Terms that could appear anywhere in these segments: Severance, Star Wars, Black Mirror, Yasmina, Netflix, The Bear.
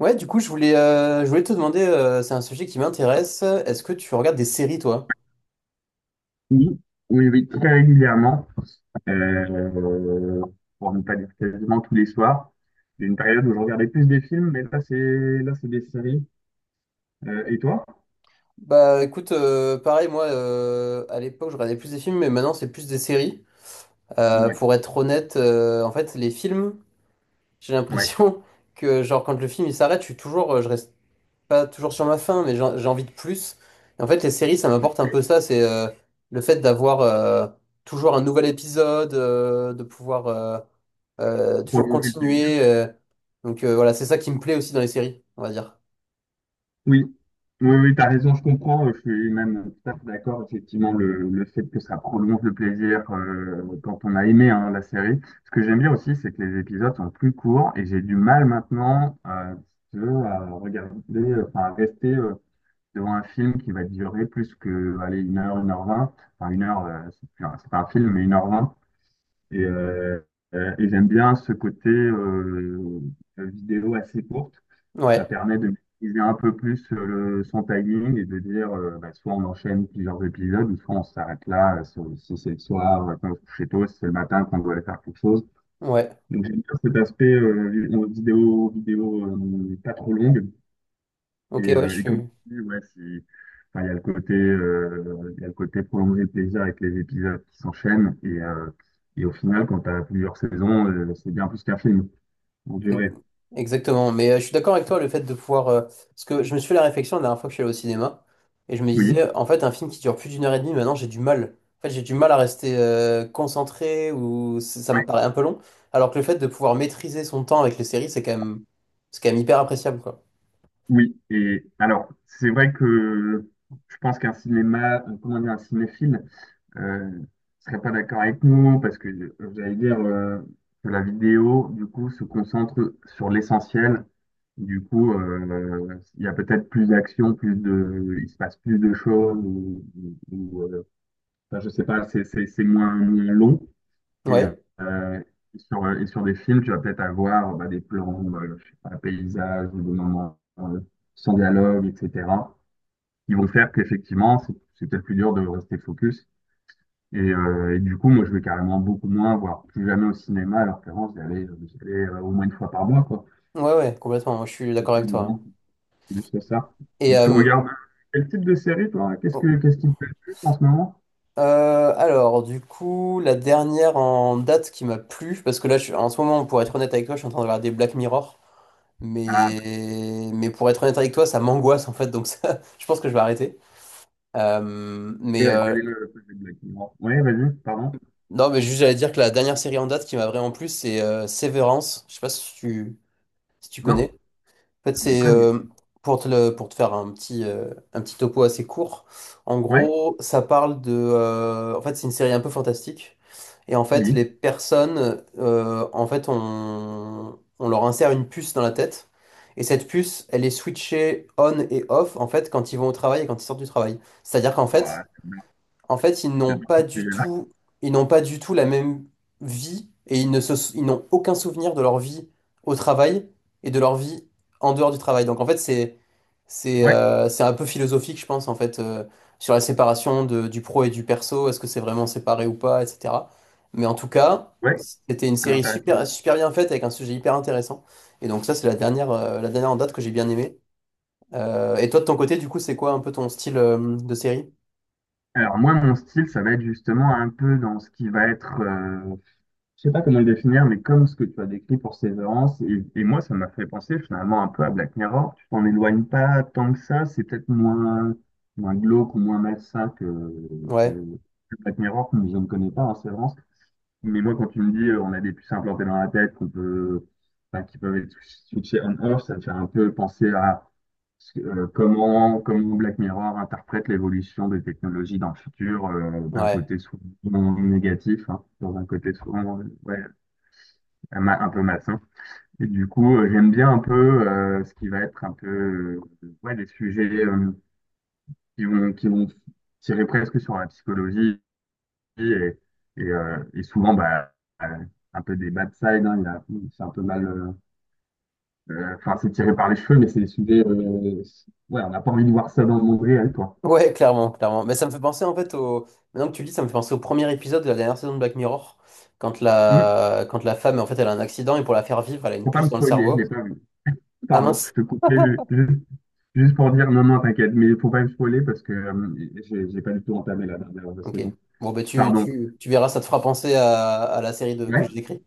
Ouais, du coup, je voulais te demander, c'est un sujet qui m'intéresse. Est-ce que tu regardes des séries, toi? Oui, oui, oui, très régulièrement, euh, pour ne pas dire quasiment tous les soirs. Il y a une période où je regardais plus des films, mais là, c'est des séries. Et toi? Bah, écoute, pareil, moi, à l'époque, je regardais plus des films, mais maintenant, c'est plus des séries. Euh, Ouais, pour être honnête, en fait, les films, j'ai ouais. l'impression que, genre, quand le film il s'arrête, je reste pas toujours sur ma faim, mais j'ai envie de plus. Et en fait, les séries, ça m'apporte un Ok. peu ça, c'est le fait d'avoir toujours un nouvel épisode, de pouvoir toujours Prolonger le plaisir. continuer. Donc, voilà, c'est ça qui me plaît aussi dans les séries, on va dire. Oui, oui, oui, t'as raison, je comprends. Je suis même tout à fait d'accord. Effectivement, le fait que ça prolonge le plaisir quand on a aimé, hein, la série. Ce que j'aime bien aussi, c'est que les épisodes sont plus courts et j'ai du mal maintenant, si tu veux, à regarder, à rester. Devant un film qui va durer plus que, allez, 1 heure, 1h20. Enfin, 1 heure, c'est pas un film, mais 1h20. Et, euh, et j'aime bien ce côté vidéo assez courte. Ça Ouais, permet de maîtriser un peu plus son timing et de dire, bah, soit on enchaîne plusieurs épisodes, ou soit on s'arrête là, si c'est le soir, qu'on se couche tôt, si c'est le matin qu'on doit aller faire quelque chose. ouais. Donc j'aime bien cet aspect vidéo, pas trop longue, et, Ok, ouais, je euh, et comme tu suis. dis, ouais, il y a le côté, prolonger le plaisir avec les épisodes qui s'enchaînent. Et au final, quand tu as plusieurs saisons, c'est bien plus qu'un film en E- durée. Exactement, mais je suis d'accord avec toi, le fait de pouvoir, parce que je me suis fait la réflexion la dernière fois que je suis allé au cinéma, et je me Oui. disais, en fait, un film qui dure plus d'une heure et demie, maintenant j'ai du mal. En fait, j'ai du mal à rester concentré, ou ça me Ouais. paraît un peu long, alors que le fait de pouvoir maîtriser son temps avec les séries, c'est quand même hyper appréciable, quoi. Oui. Et alors, c'est vrai que je pense qu'un cinéma, comment dire, un cinéphile, euh, serait pas d'accord avec nous parce que, j'allais dire que la vidéo, du coup, se concentre sur l'essentiel. Du coup, il y a peut-être plus d'action, il se passe plus de choses, euh, enfin, je sais pas, c'est moins long. Et, Ouais, euh, et sur des films, tu vas peut-être avoir, bah, des plans, je sais pas, paysages, ou des moments, sans dialogue, etc. qui vont faire qu'effectivement, c'est peut-être plus dur de rester focus. Et du coup, moi, je vais carrément beaucoup moins, voire plus jamais au cinéma, alors qu'avant, j'y allais, au moins une fois par mois, quoi. ouais, ouais, complètement, moi, je suis C'est d'accord ça, avec les toi, hein. gens. C'est juste ça. Et Et tu euh, regardes quel type de série, toi? Qu'est-ce oh, que qu'est-ce qui te plaît le plus en ce moment? Alors, du coup, la dernière en date qui m'a plu, parce que en ce moment, pour être honnête avec toi, je suis en train de regarder Black Mirror. Ah, Mais pour être honnête avec toi, ça m'angoisse en fait, donc ça, je pense que je vais arrêter. Euh, bah, mais euh, j'allais le poser de la question. Ouais, vas-y, pardon. non, mais juste j'allais dire que la dernière série en date qui m'a vraiment plu, c'est Severance. Je sais pas si tu, si tu Non, connais. En fait, je me c'est connais. Pour te, pour te faire un un petit topo assez court. En Ouais, gros, ça parle de. En fait, c'est une série un peu fantastique. Et en fait, les oui. personnes, euh, en fait, on leur insère une puce dans la tête. Et cette puce, elle est switchée on et off, en fait, quand ils vont au travail et quand ils sortent du travail. C'est-à-dire qu'en Ouais, fait, ils c'est n'ont bien pas ce du sujet-là. tout, ils n'ont pas du tout la même vie et ils ne se, ils n'ont aucun souvenir de leur vie au travail et de leur vie en dehors du travail. Donc en fait, Ouais, c'est un peu philosophique, je pense, en fait, sur la séparation du pro et du perso. Est-ce que c'est vraiment séparé ou pas, etc. Mais en tout cas, ouais, c'était une très série intéressant. super, super bien faite avec un sujet hyper intéressant. Et donc ça, c'est la dernière en date que j'ai bien aimée. Et toi, de ton côté, du coup, c'est quoi un peu ton style, de série? Alors moi, mon style, ça va être justement un peu dans ce qui va être, je sais pas comment le définir, mais comme ce que tu as décrit pour Severance, et moi, ça m'a fait penser finalement un peu à Black Mirror. Tu t'en éloignes pas tant que ça, c'est peut-être moins, moins glauque ou moins malsain que, Ouais, que que Black Mirror, que je ne connais pas en Severance. Mais moi, quand tu me dis, on a des puces implantées dans la tête qu'on peut, enfin, qui peuvent être switchées on-off, ça me fait un peu penser à, comment Black Mirror interprète l'évolution des technologies dans le futur, d'un ouais, côté souvent négatif, hein, dans un côté souvent, ouais, un, un peu maçon. Et du coup, j'aime bien un peu, ce qui va être un peu, ouais, des sujets, qui vont tirer presque sur la psychologie et, et souvent bah, euh, un peu des bad sides, hein, c'est un peu mal. Enfin, c'est tiré par les cheveux, mais c'est des sujets, ouais, on n'a pas envie de voir ça dans le monde réel, quoi. ouais, clairement, clairement. Mais ça me fait penser en fait au. Maintenant que tu le dis, ça me fait penser au premier épisode de la dernière saison de Black Mirror, Hum, quand la femme en fait elle a un accident et pour la faire vivre, elle a une faut pas puce me dans le spoiler, je l'ai cerveau. pas vu. Ah Pardon, je mince, te juste, pour dire non, non, t'inquiète, mais faut pas me spoiler parce que, j'ai pas du tout entamé la dernière ok. saison. Bon bah Pardon. Tu verras, ça te fera penser à la série de que j'ai décrit.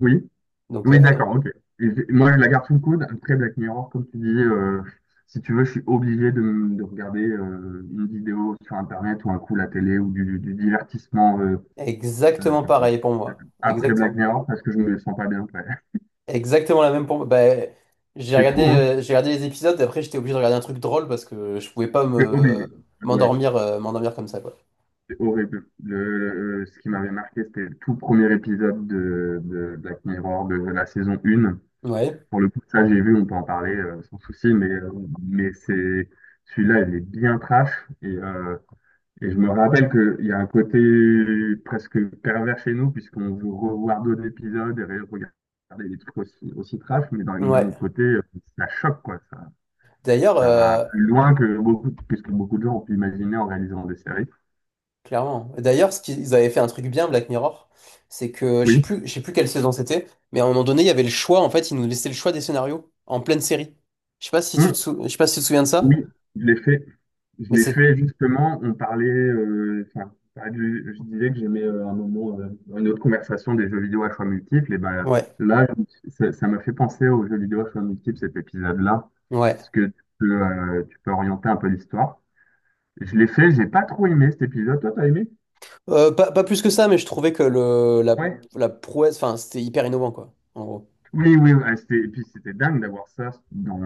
Oui, Donc, oui, euh, donc, d'accord, ok. Et moi, je la garde sous le coude. Après, Black Mirror, comme tu dis, si tu veux, je suis obligé de, de regarder, une vidéo sur Internet ou un coup la télé ou du divertissement, exactement pareil pour euh, moi, après Black exactement. Mirror parce que je me sens pas bien après. Exactement la même pour Bah, C'est fou, hein? J'ai regardé les épisodes, après j'étais obligé de regarder un truc drôle parce que je pouvais pas C'est me obligé. Ouais, m'endormir m'endormir comme ça, quoi. c'est horrible. Ce qui m'avait marqué, c'était le tout premier épisode de Black Mirror de la saison 1. Ouais. Pour le coup, ça, j'ai vu, on peut en parler, sans souci, mais c'est celui-là, il est bien trash. Et, euh, et je me rappelle qu'il y a un côté presque pervers chez nous, puisqu'on veut revoir d'autres épisodes et regarder des trucs aussi, aussi trash, mais d'un Ouais. autre côté, ça choque, quoi. Ça, D'ailleurs, ça va plus loin que beaucoup, que ce que beaucoup de gens ont pu imaginer en réalisant des séries. clairement. D'ailleurs, ce qu'ils avaient fait un truc bien, Black Mirror, c'est que Oui. Je sais plus quelle saison c'était, mais à un moment donné, il y avait le choix, en fait, ils nous laissaient le choix des scénarios en pleine série. Hum. Je sais pas si tu te souviens de ça, Oui, je l'ai fait. Je mais l'ai c'est. fait justement. On parlait, on je disais que j'aimais, un moment, dans une autre conversation des jeux vidéo à choix multiples. Et ben Ouais. là, ça m'a fait penser aux jeux vidéo à choix multiples, cet épisode-là, Ouais. puisque tu peux orienter un peu l'histoire. Je l'ai fait, j'ai pas trop aimé cet épisode. Toi, t'as aimé? Pas, pas plus que ça, mais je trouvais que Ouais. la prouesse, enfin, c'était hyper innovant, quoi, en gros. Oui, oui, ouais, et puis c'était dingue d'avoir ça dans,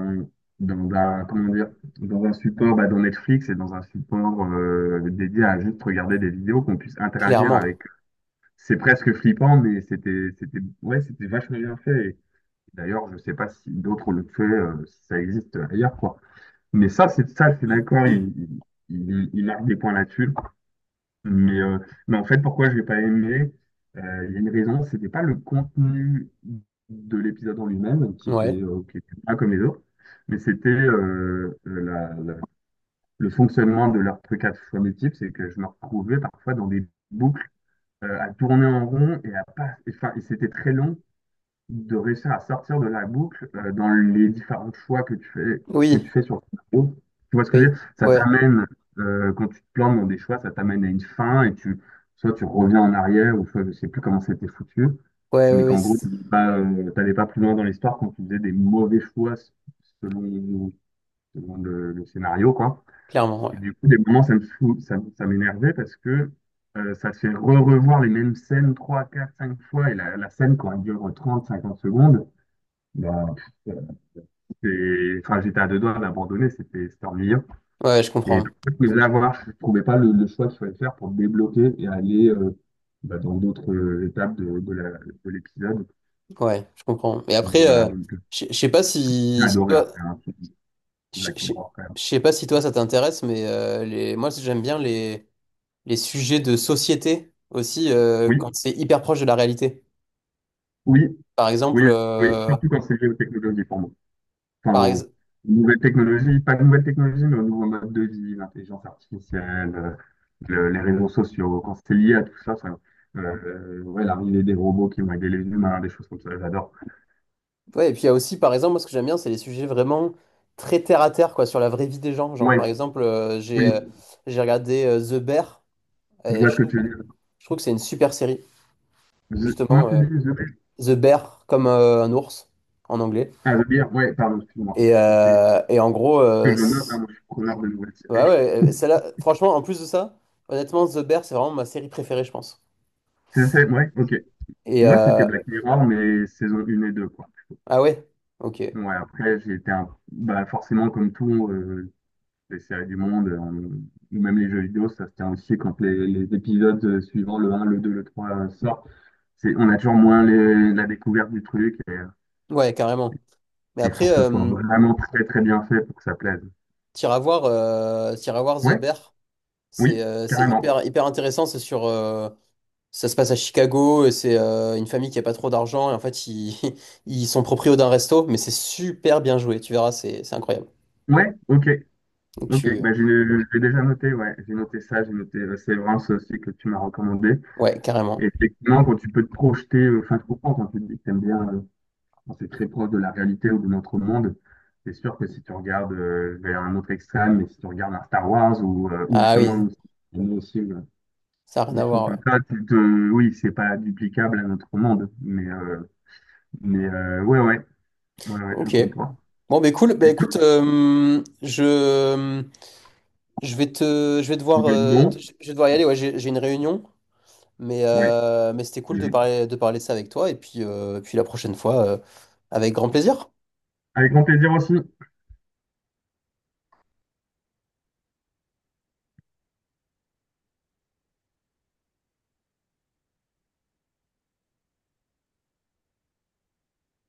dans un, comment dire, dans un support, bah, dans Netflix et dans un support, dédié à juste regarder des vidéos qu'on puisse interagir Clairement. avec. C'est presque flippant, mais c'était, c'était, ouais, c'était vachement bien fait. Et d'ailleurs, je sais pas si d'autres le font, si ça existe ailleurs, quoi. Mais ça, c'est ça, je suis d'accord, il marque des points là-dessus. Mais, euh, mais en fait, pourquoi je l'ai pas aimé, il y a une raison, c'était pas le contenu de l'épisode en lui-même Ouais. Qui était pas comme les autres, mais c'était, le fonctionnement de leur truc à choix multiples, c'est que je me retrouvais parfois dans des boucles, à tourner en rond et à pas, et, enfin, et c'était très long de réussir à sortir de la boucle, dans les différents choix que tu fais, Oui, sur ton parcours. Tu vois ce que je veux oui, dire? Ça ouais, t'amène, quand tu te plantes dans des choix, ça t'amène à une fin et tu, soit tu reviens en arrière ou soit je sais plus comment c'était foutu, ouais, ouais, mais ouais, qu'en gros, c'est- tu n'allais pas, t'allais pas plus loin dans l'histoire quand tu faisais des mauvais selon, selon le scénario, quoi. clairement, ouais. Et du coup, des moments, ça, ça m'énervait parce que, ça te fait re-revoir les mêmes scènes 3 4 5 fois et la scène, quand elle dure 30, 50 secondes, ben, pff, enfin, j'étais à deux doigts d'abandonner, c'était c'était ennuyant. Ouais, je Et comprends. je voulais l'avoir, je trouvais pas le, le choix qu'il fallait faire pour me débloquer et aller, bah, dans d'autres, étapes de, de l'épisode. Ouais, je comprends. Et après, Voilà, donc je sais pas j'ai si, si adoré toi, après, hein, je Black je- Mirror quand même. je sais pas si toi ça t'intéresse, mais moi j'aime bien les sujets de société aussi Oui, quand c'est hyper proche de la réalité. oui, Par oui, exemple, oui, surtout quand c'est géotechnologie pour moi. Enfin, par ex- aux nouvelles technologies, pas de nouvelles technologies, mais aux nouveaux modes de vie, l'intelligence artificielle, les réseaux sociaux, quand c'est lié à tout ça, ça, ouais, l'arrivée des robots qui vont aider les humains, des choses comme ça, j'adore. ouais, et puis il y a aussi, par exemple, moi ce que j'aime bien, c'est les sujets vraiment très terre à terre, quoi, sur la vraie vie des gens. Genre, Ouais, par exemple, oui, j'ai regardé The Bear. je Et vois je ce que trouve, tu veux dire. je trouve que c'est une super série, Comment justement, tu dis The Bear? The Bear comme un ours en anglais. Ah, The Bear, ouais, pardon, excuse-moi. Ok, Et en gros, que je note, hein, moi je suis preneur de nouvelles ouais, séries. Celle-là, franchement, en plus de ça, honnêtement, The Bear, c'est vraiment ma série préférée, je pense. Ouais, ok. Et Moi, c'était Black Mirror, mais saison 1 et 2 quoi. ah ouais, ok, Ouais, après, j'ai été un... bah, forcément, comme tout, les séries du monde, ou même les jeux vidéo, ça se tient aussi quand les épisodes, suivants, le un le 2 le trois, sortent. C'est, on a toujours moins la découverte du truc et, ouais, carrément. Mais il faut après, que ce soit vraiment très très bien fait pour que ça plaise. T'iras voir The Ouais, Bear, oui, c'est carrément. hyper, hyper intéressant, c'est sur, ça se passe à Chicago, et c'est une famille qui a pas trop d'argent, et en fait, ils, ils sont proprios d'un resto, mais c'est super bien joué, tu verras, c'est incroyable. Ouais, ok, Donc ok. tu... Bah, j'ai, je l'ai déjà noté, ouais. J'ai noté ça, j'ai noté, Severance aussi que tu m'as recommandé. Ouais, Et carrément. effectivement, quand tu peux te projeter, enfin, je comprends quand tu te dis que t'aimes bien, bon, c'est très proche de la réalité ou de notre monde. C'est sûr que si tu regardes, vers un autre extrême, mais si tu regardes un Star Wars ou Ah oui, justement une autre cible, ça n'a rien des à choses voir, ouais. comme ça, tu te... oui, c'est pas duplicable à notre monde. Mais ouais, ouais, ouais, ouais, je Ok. comprends. Bon, bah cool, bah Et tout, écoute, je vais te, il va être bon. je vais devoir y aller, ouais, j'ai une réunion, Ouais. Mais c'était Et cool de parler de ça avec toi, et puis, puis la prochaine fois, avec grand plaisir. avec grand plaisir aussi.